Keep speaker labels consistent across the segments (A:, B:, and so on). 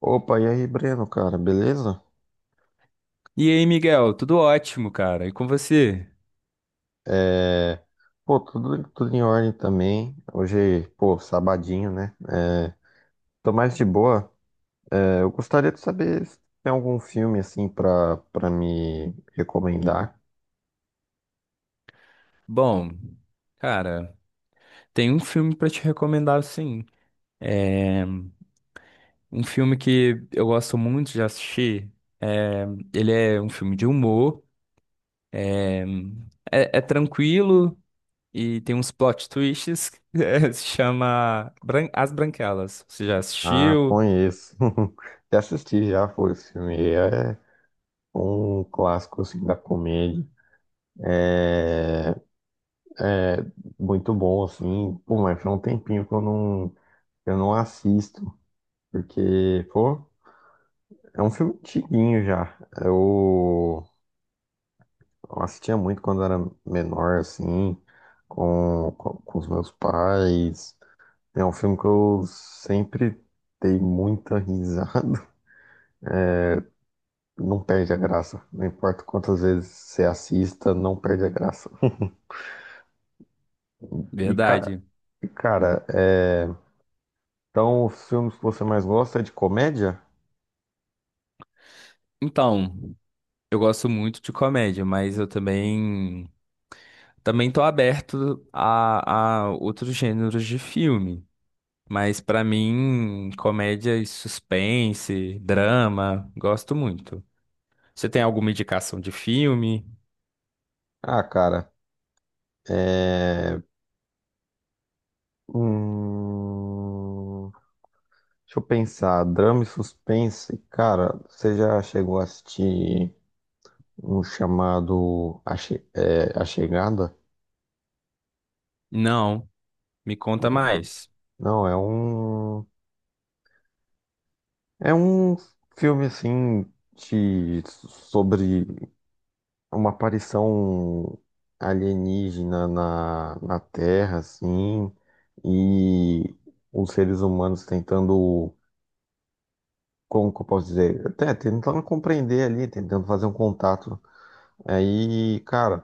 A: Opa, e aí, Breno, cara, beleza?
B: E aí, Miguel, tudo ótimo, cara. E com você?
A: É, pô, tudo em ordem também. Hoje, pô, sabadinho, né? Tô mais de boa. É, eu gostaria de saber se tem algum filme, assim, pra me recomendar.
B: Bom, cara, tem um filme pra te recomendar, sim. Um filme que eu gosto muito de assistir. É, ele é um filme de humor, é, é tranquilo e tem uns plot twists. Se chama As Branquelas. Você já
A: Ah,
B: assistiu?
A: conheço. Já assisti, já foi esse filme. É um clássico, assim, da comédia. É muito bom, assim. Pô, mas foi um tempinho que eu não assisto, porque, pô. É um filme antiguinho já. Eu, eu assistia muito quando era menor, assim, com os meus pais. É um filme que eu sempre dei muita risada. Não perde a graça. Não importa quantas vezes você assista, não perde a graça. E, cara,
B: Verdade.
A: e, cara, é... então os filmes que você mais gosta é de comédia?
B: Então. Eu gosto muito de comédia, mas eu também tô aberto a outros gêneros de filme. Mas pra mim, comédia e suspense, drama, gosto muito. Você tem alguma indicação de filme?
A: Ah, cara, é... Hum... deixa eu pensar, drama e suspense. Cara, você já chegou a assistir um chamado A Chegada?
B: Não, me conta mais.
A: Não, é um filme assim de sobre uma aparição alienígena na Terra, assim, e os seres humanos tentando, como que eu posso dizer? Até tentando compreender ali, tentando fazer um contato. Aí, cara.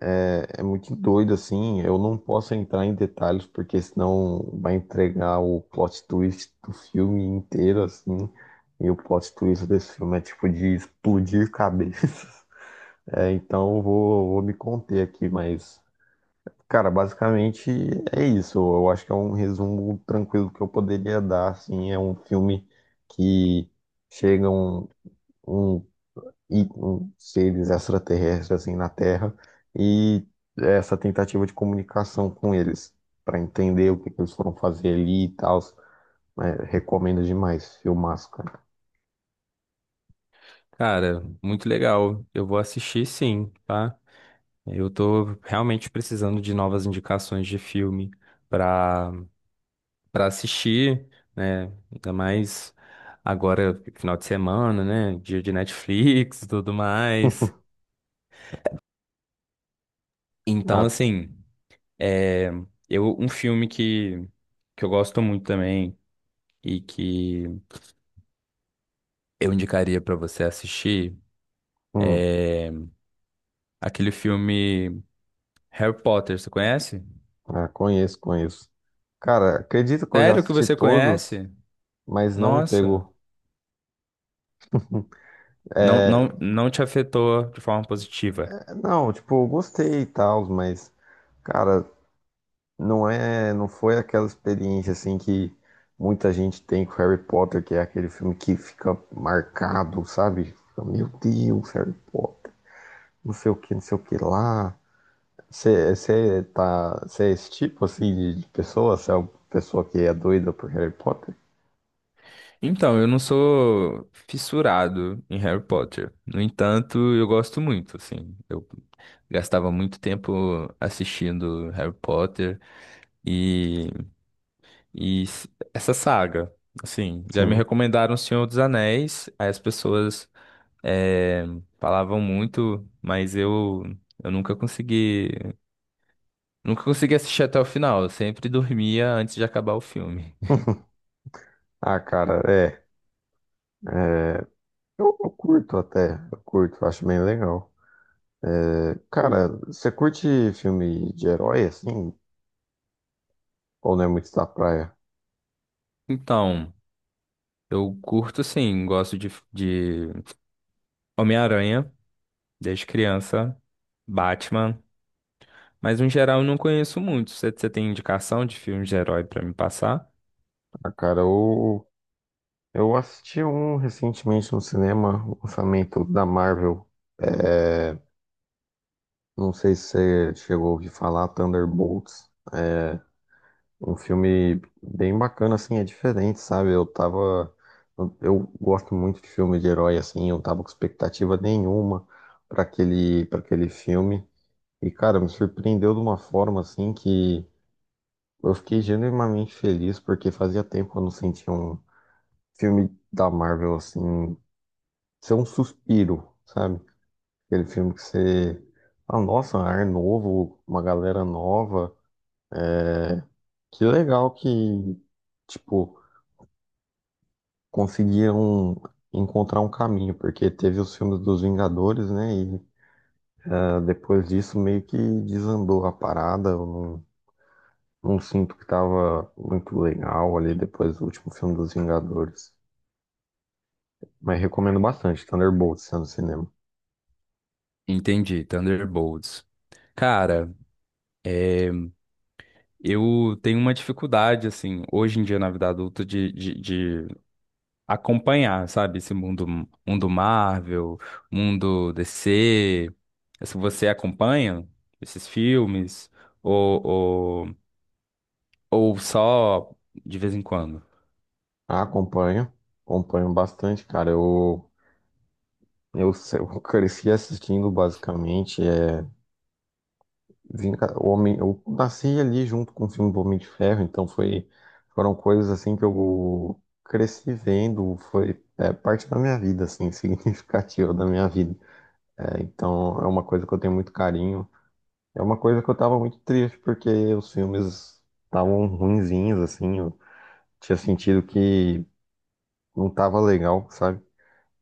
A: É muito doido, assim. Eu não posso entrar em detalhes, porque senão vai entregar o plot twist do filme inteiro, assim. E o plot twist desse filme é tipo de explodir cabeças. É, então vou me conter aqui, mas, cara, basicamente é isso. Eu acho que é um resumo tranquilo que eu poderia dar, assim. É um filme que chega um, um seres extraterrestres assim na Terra e essa tentativa de comunicação com eles para entender que eles foram fazer ali e tal. Né? Recomendo demais, filmaço, cara.
B: Cara, muito legal. Eu vou assistir sim, tá? Eu tô realmente precisando de novas indicações de filme pra para assistir, né? Ainda mais agora, final de semana, né? Dia de Netflix e tudo mais. Então,
A: Ah,
B: assim, é, eu, um filme que eu gosto muito também e que eu indicaria para você assistir
A: hum,
B: é aquele filme Harry Potter, você conhece?
A: ah, conheço, conheço. Cara, acredito que eu já
B: Sério que
A: assisti
B: você
A: todos,
B: conhece?
A: mas não me
B: Nossa,
A: pegou. É,
B: não te afetou de forma positiva.
A: não, tipo, eu gostei e tal, mas, cara, não é, não foi aquela experiência assim que muita gente tem com Harry Potter, que é aquele filme que fica marcado, sabe? Fica, meu Deus, Harry Potter, não sei o que, não sei o que lá. Você é esse tipo assim de pessoa? Você é uma pessoa que é doida por Harry Potter?
B: Então, eu não sou fissurado em Harry Potter. No entanto, eu gosto muito, assim. Eu gastava muito tempo assistindo Harry Potter e, essa saga. Assim, já me
A: Sim.
B: recomendaram O Senhor dos Anéis, aí as pessoas eh, falavam muito, mas eu nunca consegui, nunca consegui assistir até o final. Eu sempre dormia antes de acabar o filme.
A: Ah, cara, é. é, eu curto até, eu curto, acho bem legal. É, cara, você curte filme de herói assim? Ou não é muito da praia?
B: Então, eu curto sim, gosto de, Homem-Aranha, desde criança, Batman, mas no geral eu não conheço muito. Você tem indicação de filmes de herói pra me passar?
A: Ah, cara, eu assisti um recentemente no cinema, o lançamento da Marvel. É, não sei se você chegou a ouvir falar, Thunderbolts. É um filme bem bacana, assim, é diferente, sabe? Eu tava. Eu gosto muito de filme de herói, assim, eu tava com expectativa nenhuma para aquele filme. E, cara, me surpreendeu de uma forma, assim, que eu fiquei genuinamente feliz, porque fazia tempo que eu não sentia um filme da Marvel, assim. Ser um suspiro, sabe? Aquele filme que você. Ah, nossa, um ar novo, uma galera nova. Que legal que, tipo, conseguiram encontrar um caminho, porque teve os filmes dos Vingadores, né? E ah, depois disso meio que desandou a parada. Eu não, não sinto que tava muito legal ali depois do último filme dos Vingadores. Mas recomendo bastante, Thunderbolts, está no cinema.
B: Entendi, Thunderbolts. Cara, eu tenho uma dificuldade, assim, hoje em dia na vida adulta, de acompanhar, sabe? Esse mundo Marvel, mundo DC. Se você acompanha esses filmes, ou, ou, ou só de vez em quando?
A: Ah, acompanho, acompanho bastante, cara. Eu, se- eu cresci assistindo basicamente eu nasci ali junto com o filme do Homem de Ferro, então foi foram coisas assim que eu cresci vendo, foi é, parte da minha vida assim, significativa da minha vida. É, então é uma coisa que eu tenho muito carinho. É uma coisa que eu tava muito triste porque os filmes estavam ruinzinhos assim, eu tinha sentido que não tava legal, sabe?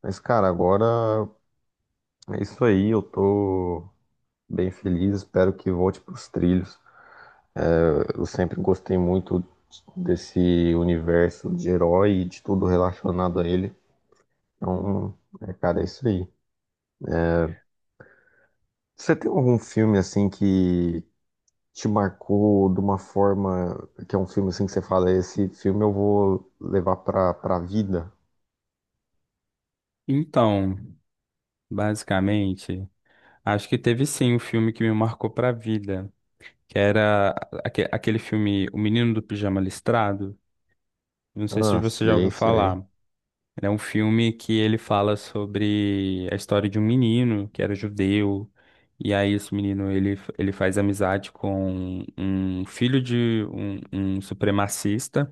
A: Mas cara, agora é isso aí, eu tô bem feliz, espero que volte para os trilhos. Eu sempre gostei muito desse universo de herói e de tudo relacionado a ele. Então, é, cara, é isso aí. Você tem algum filme assim que te marcou de uma forma que é um filme assim que você fala, esse filme eu vou levar pra vida?
B: Então, basicamente. Acho que teve sim um filme que me marcou pra vida, que era aquele filme O Menino do Pijama Listrado. Não sei se
A: Ah,
B: você já ouviu
A: sei, sei.
B: falar. Ele é um filme que ele fala sobre a história de um menino que era judeu. E aí esse menino ele faz amizade com um filho de um supremacista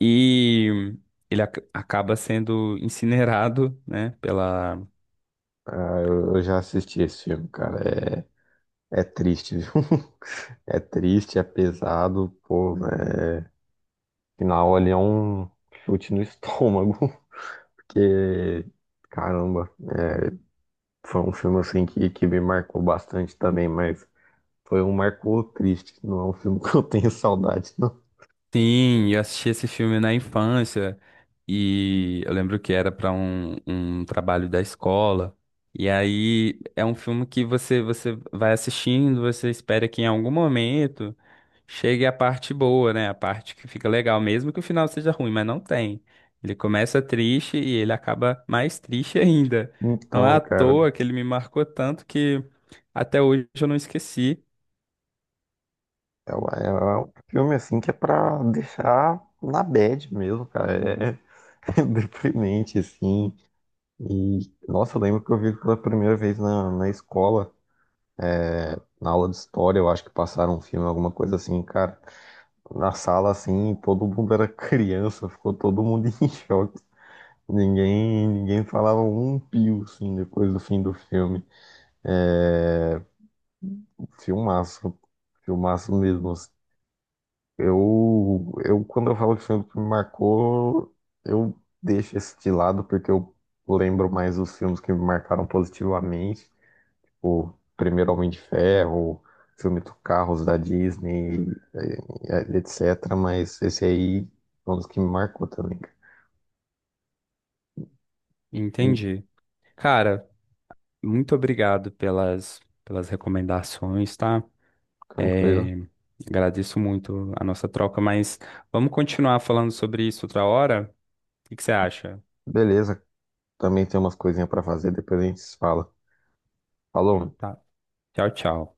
B: e ele acaba sendo incinerado, né, pela.
A: Ah, eu já assisti esse filme, cara. É, é triste, viu? É triste, é pesado, pô, né? Final ali é um chute no estômago, que caramba, é, foi um filme assim que me marcou bastante também, mas foi um marcou triste, não é um filme que eu tenho saudade, não.
B: Sim, eu assisti esse filme na infância e eu lembro que era para um trabalho da escola. E aí é um filme que você vai assistindo, você espera que em algum momento chegue a parte boa, né? A parte que fica legal, mesmo que o final seja ruim, mas não tem. Ele começa triste e ele acaba mais triste ainda. Não é
A: Então,
B: à
A: cara,
B: toa que ele me marcou tanto que até hoje eu não esqueci.
A: é, é um filme assim que é pra deixar na bad mesmo, cara, é deprimente, assim, e, nossa, eu lembro que eu vi pela primeira vez na escola, na aula de história, eu acho que passaram um filme, alguma coisa assim, cara, na sala assim, todo mundo era criança, ficou todo mundo em choque. Ninguém falava um pio, assim, depois do fim do filme. É, filmaço, filmaço mesmo. Assim. Quando eu falo de filme que me marcou, eu deixo esse de lado, porque eu lembro mais dos filmes que me marcaram positivamente. O primeiro Homem de Ferro, o filme do Carros da Disney, eh, etc. Mas esse aí é um dos que me marcou também. Cara. Hum,
B: Entendi. Cara, muito obrigado pelas recomendações, tá?
A: Tranquilo.
B: É, agradeço muito a nossa troca, mas vamos continuar falando sobre isso outra hora? O que que você acha?
A: Beleza. Também tem umas coisinhas pra fazer, depois a gente se fala. Falou.
B: Tá. Tchau, tchau.